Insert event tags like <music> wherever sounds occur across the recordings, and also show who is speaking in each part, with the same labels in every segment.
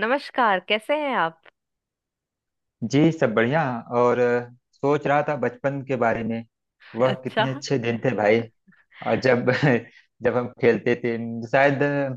Speaker 1: नमस्कार, कैसे हैं आप?
Speaker 2: जी, सब बढ़िया। और सोच रहा था बचपन के बारे में।
Speaker 1: <laughs>
Speaker 2: वह कितने
Speaker 1: अच्छा।
Speaker 2: अच्छे दिन थे भाई। और जब <laughs> जब हम खेलते थे, शायद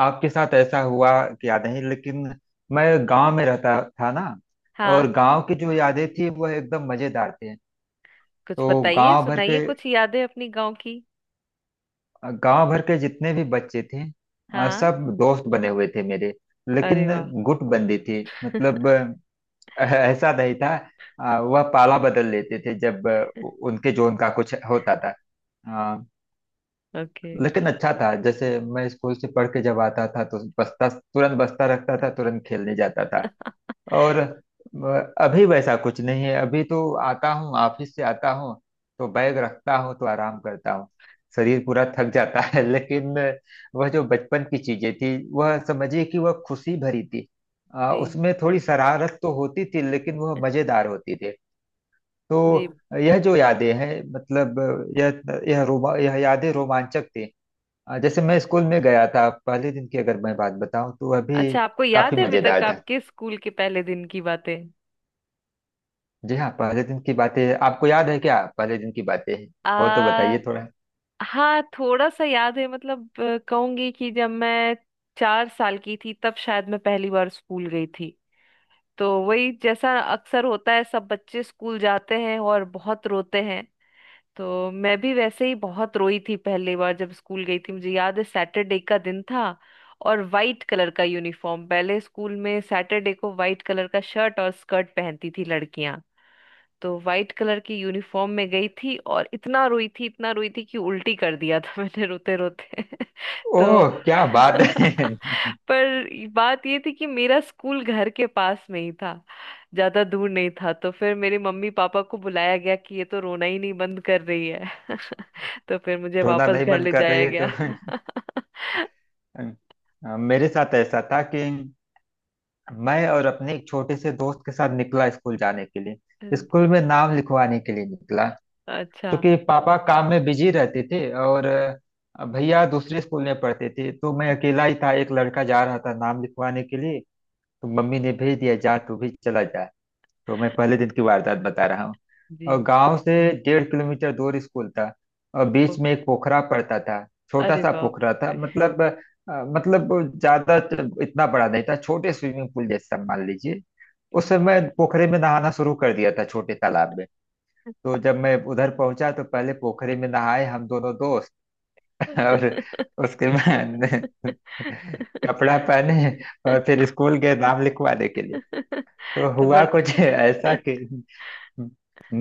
Speaker 2: आपके साथ ऐसा हुआ कि याद नहीं, लेकिन मैं गांव में रहता था ना।
Speaker 1: हाँ।
Speaker 2: और गांव की जो यादें थी वह एकदम मजेदार थे।
Speaker 1: कुछ
Speaker 2: तो
Speaker 1: बताइए,
Speaker 2: गांव भर के
Speaker 1: सुनाइए कुछ यादें अपनी गांव की।
Speaker 2: गांव भर के जितने भी बच्चे थे,
Speaker 1: हाँ।
Speaker 2: सब दोस्त बने हुए थे मेरे। लेकिन
Speaker 1: अरे वाह।
Speaker 2: गुटबंदी थी, मतलब <laughs> ऐसा नहीं था। वह पाला बदल लेते थे जब उनके जोन का कुछ होता था आ,
Speaker 1: ओके।
Speaker 2: लेकिन अच्छा था, जैसे मैं स्कूल से पढ़ के जब आता था तो बस्ता तुरंत, बस्ता रखता था, तुरंत खेलने जाता था। और अभी वैसा कुछ नहीं है, अभी तो आता हूँ, ऑफिस से आता हूँ, तो बैग रखता हूँ, तो आराम करता हूँ। शरीर पूरा थक जाता है, <laughs> लेकिन वह जो बचपन की चीजें थी, वह समझिए कि वह खुशी भरी थी।
Speaker 1: जी।
Speaker 2: उसमें थोड़ी शरारत तो होती थी, लेकिन वह मजेदार होती थी।
Speaker 1: जी।
Speaker 2: तो यह जो यादें हैं, मतलब यह यह यादें रोमांचक थी। जैसे मैं स्कूल में गया था, पहले दिन की अगर मैं बात बताऊं तो वह भी
Speaker 1: अच्छा, आपको
Speaker 2: काफी
Speaker 1: याद है अभी तक
Speaker 2: मजेदार था।
Speaker 1: आपके स्कूल के पहले दिन की बातें?
Speaker 2: जी हाँ, पहले दिन की बातें आपको याद है क्या? पहले दिन की बातें हो तो
Speaker 1: आ
Speaker 2: बताइए थोड़ा।
Speaker 1: हाँ, थोड़ा सा याद है। मतलब कहूंगी कि जब मैं 4 साल की थी तब शायद मैं पहली बार स्कूल गई थी। तो वही जैसा अक्सर होता है, सब बच्चे स्कूल जाते हैं और बहुत रोते हैं। तो मैं भी वैसे ही बहुत रोई थी पहली बार जब स्कूल गई थी। मुझे याद है सैटरडे का दिन था, और वाइट कलर का यूनिफॉर्म, पहले स्कूल में सैटरडे को वाइट कलर का शर्ट और स्कर्ट पहनती थी लड़कियां। तो वाइट कलर की यूनिफॉर्म में गई थी और इतना रोई थी, इतना रोई थी कि उल्टी कर दिया था <laughs> मैंने रोते रोते <laughs> तो
Speaker 2: ओह, क्या बात
Speaker 1: <laughs>
Speaker 2: है।
Speaker 1: पर बात ये थी कि मेरा स्कूल घर के पास में ही था, ज्यादा दूर नहीं था। तो फिर मेरे मम्मी पापा को बुलाया गया कि ये तो रोना ही नहीं बंद कर रही है। तो फिर मुझे
Speaker 2: <laughs> रोना
Speaker 1: वापस
Speaker 2: नहीं
Speaker 1: घर
Speaker 2: बंद
Speaker 1: ले
Speaker 2: कर रही
Speaker 1: जाया
Speaker 2: है,
Speaker 1: गया।
Speaker 2: तो <laughs> मेरे साथ ऐसा था कि मैं और अपने एक छोटे से दोस्त के साथ निकला, स्कूल जाने के लिए, स्कूल में
Speaker 1: <laughs>
Speaker 2: नाम लिखवाने के लिए निकला।
Speaker 1: अच्छा।
Speaker 2: क्योंकि पापा काम में बिजी रहते थे और भैया दूसरे स्कूल में पढ़ते थे, तो मैं अकेला ही था, एक लड़का जा रहा था नाम लिखवाने के लिए। तो मम्मी ने भेज दिया, जा तू भी चला जा। तो मैं पहले दिन की वारदात बता रहा हूँ।
Speaker 1: जी।
Speaker 2: और गांव से 1.5 किलोमीटर दूर स्कूल था। और बीच में
Speaker 1: ओके।
Speaker 2: एक पोखरा पड़ता था। छोटा
Speaker 1: अरे
Speaker 2: सा
Speaker 1: बाप
Speaker 2: पोखरा था,
Speaker 1: रे।
Speaker 2: मतलब मतलब ज्यादा इतना बड़ा नहीं था, छोटे स्विमिंग पूल जैसा मान लीजिए। उस समय पोखरे में नहाना शुरू कर दिया था, छोटे तालाब में। तो जब मैं उधर पहुंचा तो पहले पोखरे में नहाए हम दोनों दोस्त, <laughs> और उसके बाद
Speaker 1: <laughs>
Speaker 2: <laughs> कपड़ा पहने, और फिर स्कूल गए नाम लिखवाने के लिए। तो
Speaker 1: तो
Speaker 2: हुआ
Speaker 1: बट
Speaker 2: कुछ ऐसा कि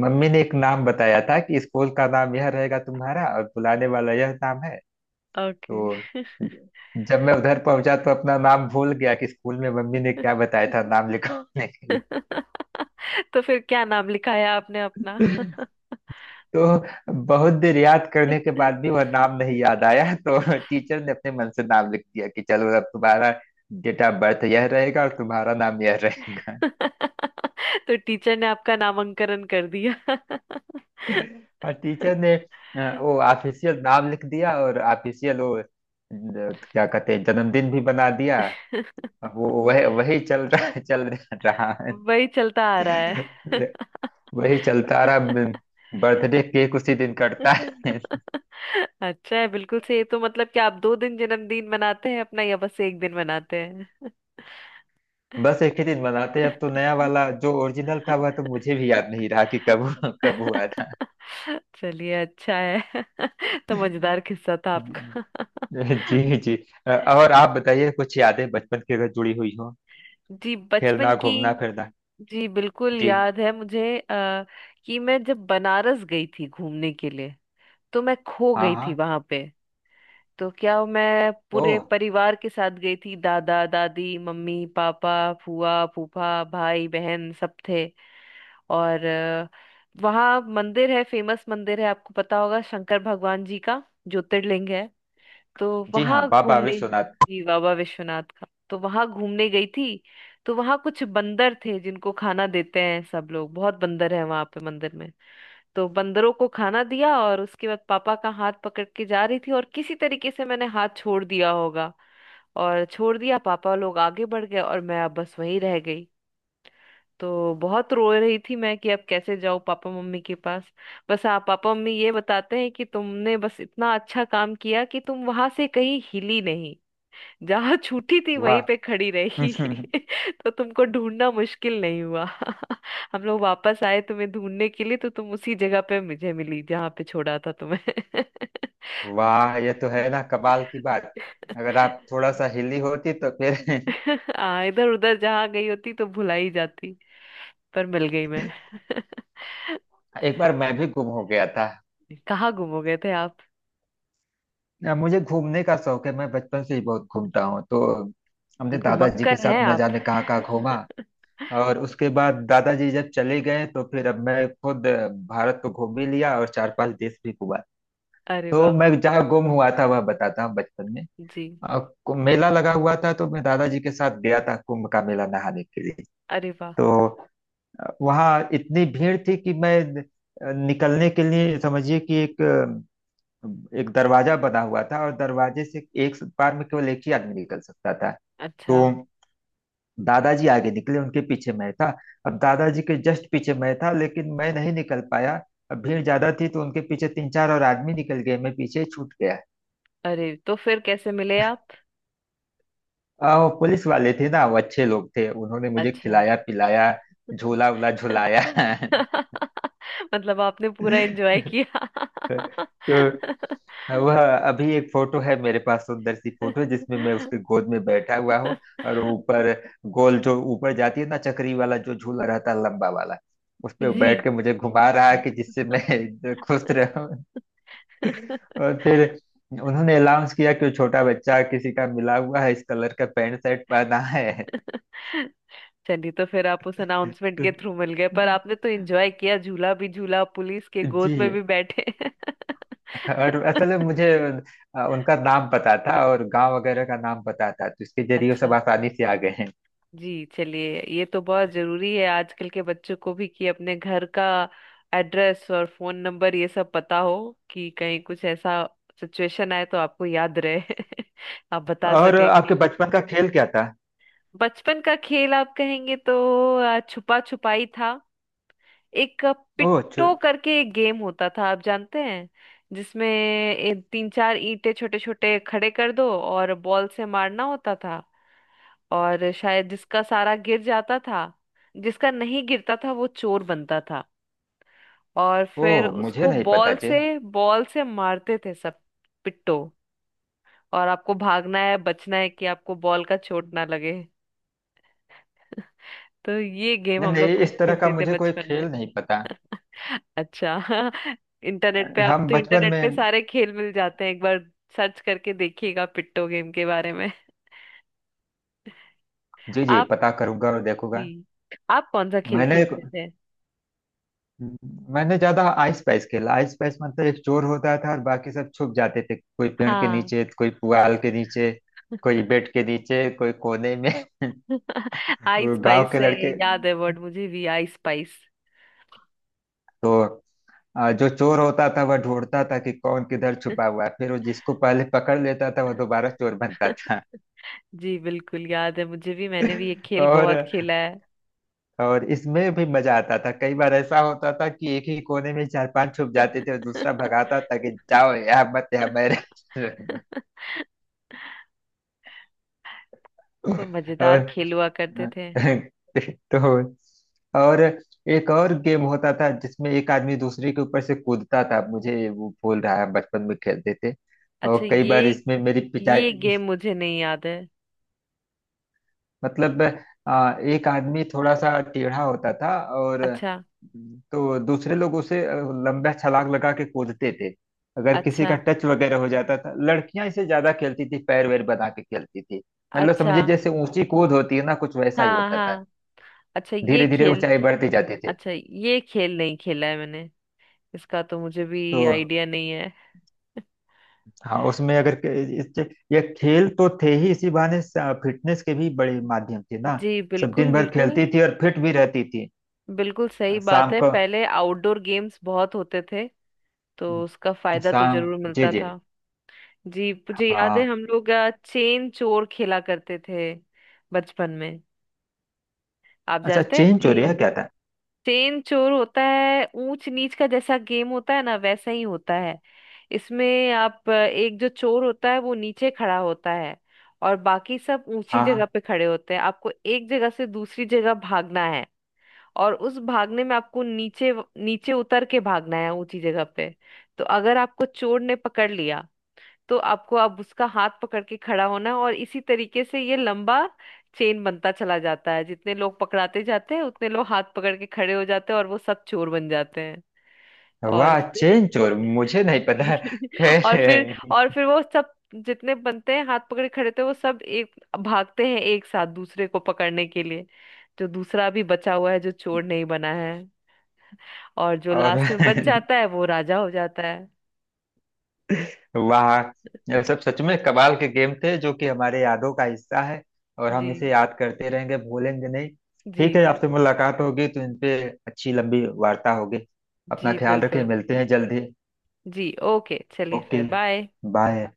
Speaker 2: मम्मी ने एक नाम बताया था कि स्कूल का नाम यह रहेगा तुम्हारा, और बुलाने वाला यह नाम है।
Speaker 1: ओके।
Speaker 2: तो
Speaker 1: <laughs>
Speaker 2: जब मैं उधर पहुंचा तो अपना नाम भूल गया कि स्कूल में मम्मी ने क्या बताया था नाम लिखवाने के
Speaker 1: तो फिर क्या नाम लिखाया आपने अपना?
Speaker 2: लिए।
Speaker 1: <laughs>
Speaker 2: तो बहुत देर याद करने के बाद भी वह नाम नहीं याद आया, तो टीचर ने अपने मन से नाम लिख दिया कि चलो अब तुम्हारा डेट ऑफ बर्थ यह रहेगा और तुम्हारा नाम यह रहेगा।
Speaker 1: तो टीचर ने आपका नामांकन कर दिया।
Speaker 2: और टीचर ने वो ऑफिशियल नाम लिख दिया, और ऑफिशियल वो क्या कहते हैं, जन्मदिन भी बना दिया। अब वो
Speaker 1: <laughs>
Speaker 2: वह वही चल रहा है,
Speaker 1: वही चलता आ रहा है।
Speaker 2: वही चलता रहा।
Speaker 1: <laughs>
Speaker 2: बर्थडे केक उसी दिन कटता है।
Speaker 1: <laughs> अच्छा है। बिल्कुल से ये तो मतलब कि आप 2 दिन जन्मदिन मनाते हैं अपना, या बस एक दिन मनाते हैं?
Speaker 2: बस एक ही दिन मनाते हैं, अब तो नया वाला। जो ओरिजिनल था वह तो मुझे भी याद नहीं रहा कि कब कब हुआ था।
Speaker 1: <laughs> चलिए अच्छा है। <laughs> तो मजेदार किस्सा था आपका। <laughs>
Speaker 2: जी जी। और आप बताइए कुछ यादें बचपन की अगर जुड़ी हुई हो,
Speaker 1: जी, बचपन
Speaker 2: खेलना
Speaker 1: की।
Speaker 2: घूमना फिरना।
Speaker 1: जी बिल्कुल
Speaker 2: जी।
Speaker 1: याद है मुझे। कि मैं जब बनारस गई थी घूमने के लिए तो मैं खो
Speaker 2: हाँ
Speaker 1: गई थी
Speaker 2: हाँ।
Speaker 1: वहां पे। तो मैं
Speaker 2: ओ।
Speaker 1: पूरे परिवार के साथ गई थी, दादा दादी मम्मी पापा फूआ फूफा भाई बहन सब थे। और वहाँ मंदिर है, फेमस मंदिर है, आपको पता होगा, शंकर भगवान जी का ज्योतिर्लिंग है। तो
Speaker 2: जी हाँ,
Speaker 1: वहाँ
Speaker 2: बाबा
Speaker 1: घूमने,
Speaker 2: विश्वनाथ।
Speaker 1: जी बाबा विश्वनाथ का, तो वहाँ घूमने गई थी। तो वहाँ कुछ बंदर थे जिनको खाना देते हैं सब लोग, बहुत बंदर है वहाँ पे मंदिर में। तो बंदरों को खाना दिया और उसके बाद पापा का हाथ पकड़ के जा रही थी और किसी तरीके से मैंने हाथ छोड़ दिया होगा। और छोड़ दिया, पापा लोग आगे बढ़ गए और मैं अब बस वहीं रह गई। तो बहुत रो रही थी मैं कि अब कैसे जाऊं पापा मम्मी के पास। बस, हाँ, पापा मम्मी ये बताते हैं कि तुमने बस इतना अच्छा काम किया कि तुम वहां से कहीं हिली नहीं, जहाँ छूटी थी वहीं
Speaker 2: वाह।
Speaker 1: पे खड़ी रही।
Speaker 2: <laughs>
Speaker 1: <laughs> तो तुमको ढूंढना मुश्किल नहीं हुआ। <laughs> हम लोग वापस आए तुम्हें ढूंढने के लिए तो तुम उसी जगह पे मुझे मिली जहाँ पे छोड़ा था तुम्हें।
Speaker 2: वाह, ये तो है ना कमाल की बात। अगर आप थोड़ा सा हिली होती तो फिर...
Speaker 1: <laughs> हाँ, इधर उधर जहाँ गई होती तो भुला ही जाती, पर मिल गई मैं।
Speaker 2: <laughs>
Speaker 1: <laughs>
Speaker 2: एक बार मैं भी गुम हो गया था।
Speaker 1: कहाँ गुम हो गए थे आप?
Speaker 2: ना, मुझे घूमने का शौक है, मैं बचपन से ही बहुत घूमता हूँ, तो हमने दादाजी के
Speaker 1: घुमक्कर
Speaker 2: साथ
Speaker 1: हैं
Speaker 2: न
Speaker 1: आप।
Speaker 2: जाने कहाँ कहाँ घूमा।
Speaker 1: <laughs>
Speaker 2: और उसके बाद दादाजी जब चले गए तो फिर अब मैं खुद भारत को घूम भी लिया और चार पांच देश भी घूमा।
Speaker 1: अरे
Speaker 2: तो
Speaker 1: वाह।
Speaker 2: मैं जहाँ गुम हुआ था वह बताता हूँ बचपन में।
Speaker 1: जी।
Speaker 2: और मेला लगा हुआ था, तो मैं दादाजी के साथ गया था कुंभ का मेला नहाने के लिए।
Speaker 1: अरे वाह।
Speaker 2: तो वहाँ इतनी भीड़ थी कि मैं निकलने के लिए, समझिए कि एक एक दरवाजा बना हुआ था, और दरवाजे से एक बार में केवल एक ही आदमी निकल सकता था।
Speaker 1: अच्छा।
Speaker 2: तो दादाजी आगे निकले, उनके पीछे मैं था। अब दादाजी के जस्ट पीछे मैं था, लेकिन मैं नहीं निकल पाया। अब भीड़ ज्यादा थी, तो उनके पीछे तीन चार और आदमी निकल गए, मैं पीछे छूट गया।
Speaker 1: अरे तो फिर कैसे मिले आप?
Speaker 2: वो पुलिस वाले थे ना, वो अच्छे लोग थे, उन्होंने मुझे
Speaker 1: अच्छा।
Speaker 2: खिलाया पिलाया, झोला उला
Speaker 1: <laughs>
Speaker 2: झुलाया।
Speaker 1: <laughs> मतलब आपने पूरा एंजॉय
Speaker 2: <laughs>
Speaker 1: किया।
Speaker 2: तो
Speaker 1: <laughs>
Speaker 2: वह, अभी एक फोटो है मेरे पास, सुंदर सी फोटो जिसमें मैं उसके गोद में बैठा हुआ हूँ। और ऊपर, गोल जो ऊपर जाती है ना, चक्री वाला जो झूला रहता है, लंबा वाला। उस पे
Speaker 1: जी।
Speaker 2: बैठ के मुझे घुमा रहा है कि जिससे मैं <laughs> खुश रहूं। और फिर उन्होंने अनाउंस किया कि वो छोटा बच्चा किसी का मिला हुआ है, इस कलर का पैंट शर्ट पहना है।
Speaker 1: चलिए, तो फिर आप उस अनाउंसमेंट के
Speaker 2: <laughs>
Speaker 1: थ्रू मिल गए, पर आपने तो एंजॉय किया, झूला भी झूला, पुलिस के गोद में भी
Speaker 2: जी।
Speaker 1: बैठे। <laughs>
Speaker 2: और असल में मुझे उनका नाम पता था और गांव वगैरह का नाम पता था, तो इसके जरिए वो
Speaker 1: अच्छा।
Speaker 2: सब आसानी से आ गए हैं।
Speaker 1: जी, चलिए ये तो बहुत जरूरी है आजकल के बच्चों को भी कि अपने घर का एड्रेस और फोन नंबर ये सब पता हो, कि कहीं कुछ ऐसा सिचुएशन आए तो आपको याद रहे <laughs> आप बता
Speaker 2: और
Speaker 1: सके
Speaker 2: आपके
Speaker 1: कि।
Speaker 2: बचपन का खेल क्या था?
Speaker 1: बचपन का खेल आप कहेंगे तो छुपा छुपाई था। एक
Speaker 2: ओह छु-
Speaker 1: पिट्टो करके एक गेम होता था, आप जानते हैं? जिसमें तीन चार ईंटें छोटे छोटे खड़े कर दो और बॉल से मारना होता था। और शायद जिसका सारा गिर जाता था, जिसका नहीं गिरता था वो चोर बनता था। और फिर
Speaker 2: ओह, मुझे
Speaker 1: उसको
Speaker 2: नहीं पता
Speaker 1: बॉल
Speaker 2: जी।
Speaker 1: से बॉल से मारते थे सब, पिट्टो। और आपको भागना है, बचना है, कि आपको बॉल का चोट ना लगे। <laughs> तो ये गेम
Speaker 2: नहीं
Speaker 1: हम लोग
Speaker 2: नहीं,
Speaker 1: खूब
Speaker 2: इस तरह का
Speaker 1: खेलते थे
Speaker 2: मुझे कोई
Speaker 1: बचपन में।
Speaker 2: खेल नहीं पता।
Speaker 1: <laughs> अच्छा। <laughs> इंटरनेट पे आप,
Speaker 2: हम
Speaker 1: तो
Speaker 2: बचपन
Speaker 1: इंटरनेट पे
Speaker 2: में।
Speaker 1: सारे खेल मिल जाते हैं, एक बार सर्च करके देखिएगा पिट्टो गेम के बारे में। <laughs>
Speaker 2: जी जी,
Speaker 1: आप,
Speaker 2: पता करूंगा और
Speaker 1: जी,
Speaker 2: देखूंगा।
Speaker 1: आप कौन सा खेल
Speaker 2: मैंने
Speaker 1: खेलते थे?
Speaker 2: मैंने ज्यादा आइस पाइस खेला। आइस पाइस मतलब एक चोर होता था और बाकी सब छुप जाते थे, कोई पेड़ के
Speaker 1: हाँ।
Speaker 2: नीचे, कोई पुआल के नीचे, कोई बेड के नीचे, कोई कोने में। <laughs>
Speaker 1: <laughs> आई
Speaker 2: वो गांव
Speaker 1: स्पाइस
Speaker 2: के
Speaker 1: है ये,
Speaker 2: लड़के।
Speaker 1: याद है वर्ड मुझे भी, आई स्पाइस।
Speaker 2: तो जो चोर होता था वह ढूंढता था कि कौन किधर छुपा हुआ है, फिर वो जिसको पहले पकड़ लेता था वह दोबारा चोर बनता
Speaker 1: <laughs>
Speaker 2: था।
Speaker 1: जी बिल्कुल याद है मुझे भी, मैंने भी ये
Speaker 2: <laughs>
Speaker 1: खेल
Speaker 2: और
Speaker 1: बहुत खेला है।
Speaker 2: और इसमें भी मजा आता था, कई बार ऐसा होता था कि एक ही कोने में चार पांच छुप जाते थे और दूसरा
Speaker 1: <laughs>
Speaker 2: भगाता था कि जाओ यहाँ मत, यहाँ मैं रह-
Speaker 1: वो
Speaker 2: <laughs>
Speaker 1: मजेदार
Speaker 2: और
Speaker 1: खेल
Speaker 2: <laughs>
Speaker 1: हुआ करते थे।
Speaker 2: तो। और एक और गेम होता था जिसमें एक आदमी दूसरे के ऊपर से कूदता था, मुझे वो भूल रहा है, बचपन में खेलते थे।
Speaker 1: अच्छा,
Speaker 2: और कई
Speaker 1: ये
Speaker 2: बार इसमें मेरी पिटाई,
Speaker 1: ये गेम मुझे नहीं याद है।
Speaker 2: मतलब एक आदमी थोड़ा सा टेढ़ा होता था, और
Speaker 1: अच्छा।
Speaker 2: तो दूसरे लोग उसे लंबा छलांग लगा के कूदते थे। अगर किसी का
Speaker 1: अच्छा।
Speaker 2: टच वगैरह हो जाता था, लड़कियां इसे ज्यादा खेलती थी, पैर वैर बना के खेलती थी। मतलब
Speaker 1: अच्छा।
Speaker 2: समझिए जैसे ऊंची कूद होती है ना, कुछ वैसा ही
Speaker 1: हाँ।
Speaker 2: होता था।
Speaker 1: हाँ। अच्छा ये
Speaker 2: धीरे धीरे
Speaker 1: खेल,
Speaker 2: ऊंचाई बढ़ती जाती थी।
Speaker 1: अच्छा ये खेल नहीं खेला है मैंने, इसका तो मुझे भी
Speaker 2: तो
Speaker 1: आइडिया नहीं है।
Speaker 2: हाँ, उसमें अगर इस- ये खेल तो थे ही, इसी बहाने फिटनेस के भी बड़े माध्यम थे
Speaker 1: <laughs>
Speaker 2: ना।
Speaker 1: जी
Speaker 2: सब
Speaker 1: बिल्कुल
Speaker 2: दिन भर
Speaker 1: बिल्कुल।
Speaker 2: खेलती थी और फिट भी रहती थी।
Speaker 1: बिल्कुल सही बात
Speaker 2: शाम
Speaker 1: है,
Speaker 2: को
Speaker 1: पहले आउटडोर गेम्स बहुत होते थे, तो उसका फायदा तो
Speaker 2: शाम।
Speaker 1: जरूर
Speaker 2: जे
Speaker 1: मिलता
Speaker 2: जे
Speaker 1: था। जी, मुझे याद है
Speaker 2: हाँ।
Speaker 1: हम लोग चेन चोर खेला करते थे बचपन में। आप
Speaker 2: अच्छा,
Speaker 1: जानते हैं
Speaker 2: चेन चोर
Speaker 1: चेन?
Speaker 2: यह क्या था?
Speaker 1: चेन चोर होता है, ऊंच नीच का जैसा गेम होता है ना, वैसा ही होता है। इसमें आप एक जो चोर होता है वो नीचे खड़ा होता है, और बाकी सब ऊंची
Speaker 2: हाँ
Speaker 1: जगह
Speaker 2: हाँ।
Speaker 1: पे खड़े होते हैं। आपको एक जगह से दूसरी जगह भागना है, और उस भागने में आपको नीचे नीचे उतर के भागना है ऊंची जगह पे। तो अगर आपको चोर ने पकड़ लिया तो आपको अब उसका हाथ पकड़ के खड़ा होना है, और इसी तरीके से ये लंबा चेन बनता चला जाता है। जितने लोग पकड़ाते जाते हैं उतने लोग हाथ पकड़ के खड़े हो जाते हैं, और वो सब चोर बन जाते हैं। और
Speaker 2: वाह,
Speaker 1: फिर
Speaker 2: चेन चोर मुझे नहीं पता।
Speaker 1: जी। <laughs> और फिर
Speaker 2: खैर।
Speaker 1: और फिर वो सब, जितने बनते हैं हाथ पकड़े खड़े थे, वो सब एक भागते हैं एक साथ दूसरे को पकड़ने के लिए, जो दूसरा भी बचा हुआ है जो चोर नहीं बना है। और जो
Speaker 2: और
Speaker 1: लास्ट में बच
Speaker 2: <laughs>
Speaker 1: जाता है वो राजा हो जाता है।
Speaker 2: वाह। यह
Speaker 1: <laughs>
Speaker 2: सब सच में कमाल के गेम थे जो कि हमारे यादों का हिस्सा है। और हम इसे
Speaker 1: जी।
Speaker 2: याद करते रहेंगे, भूलेंगे नहीं।
Speaker 1: जी।
Speaker 2: ठीक है,
Speaker 1: जी।
Speaker 2: आपसे मुलाकात होगी तो इन पे अच्छी लंबी वार्ता होगी। अपना
Speaker 1: जी
Speaker 2: ख्याल रखें,
Speaker 1: बिल्कुल।
Speaker 2: मिलते हैं जल्दी।
Speaker 1: जी, ओके, चलिए
Speaker 2: ओके।
Speaker 1: फिर बाय।
Speaker 2: बाय।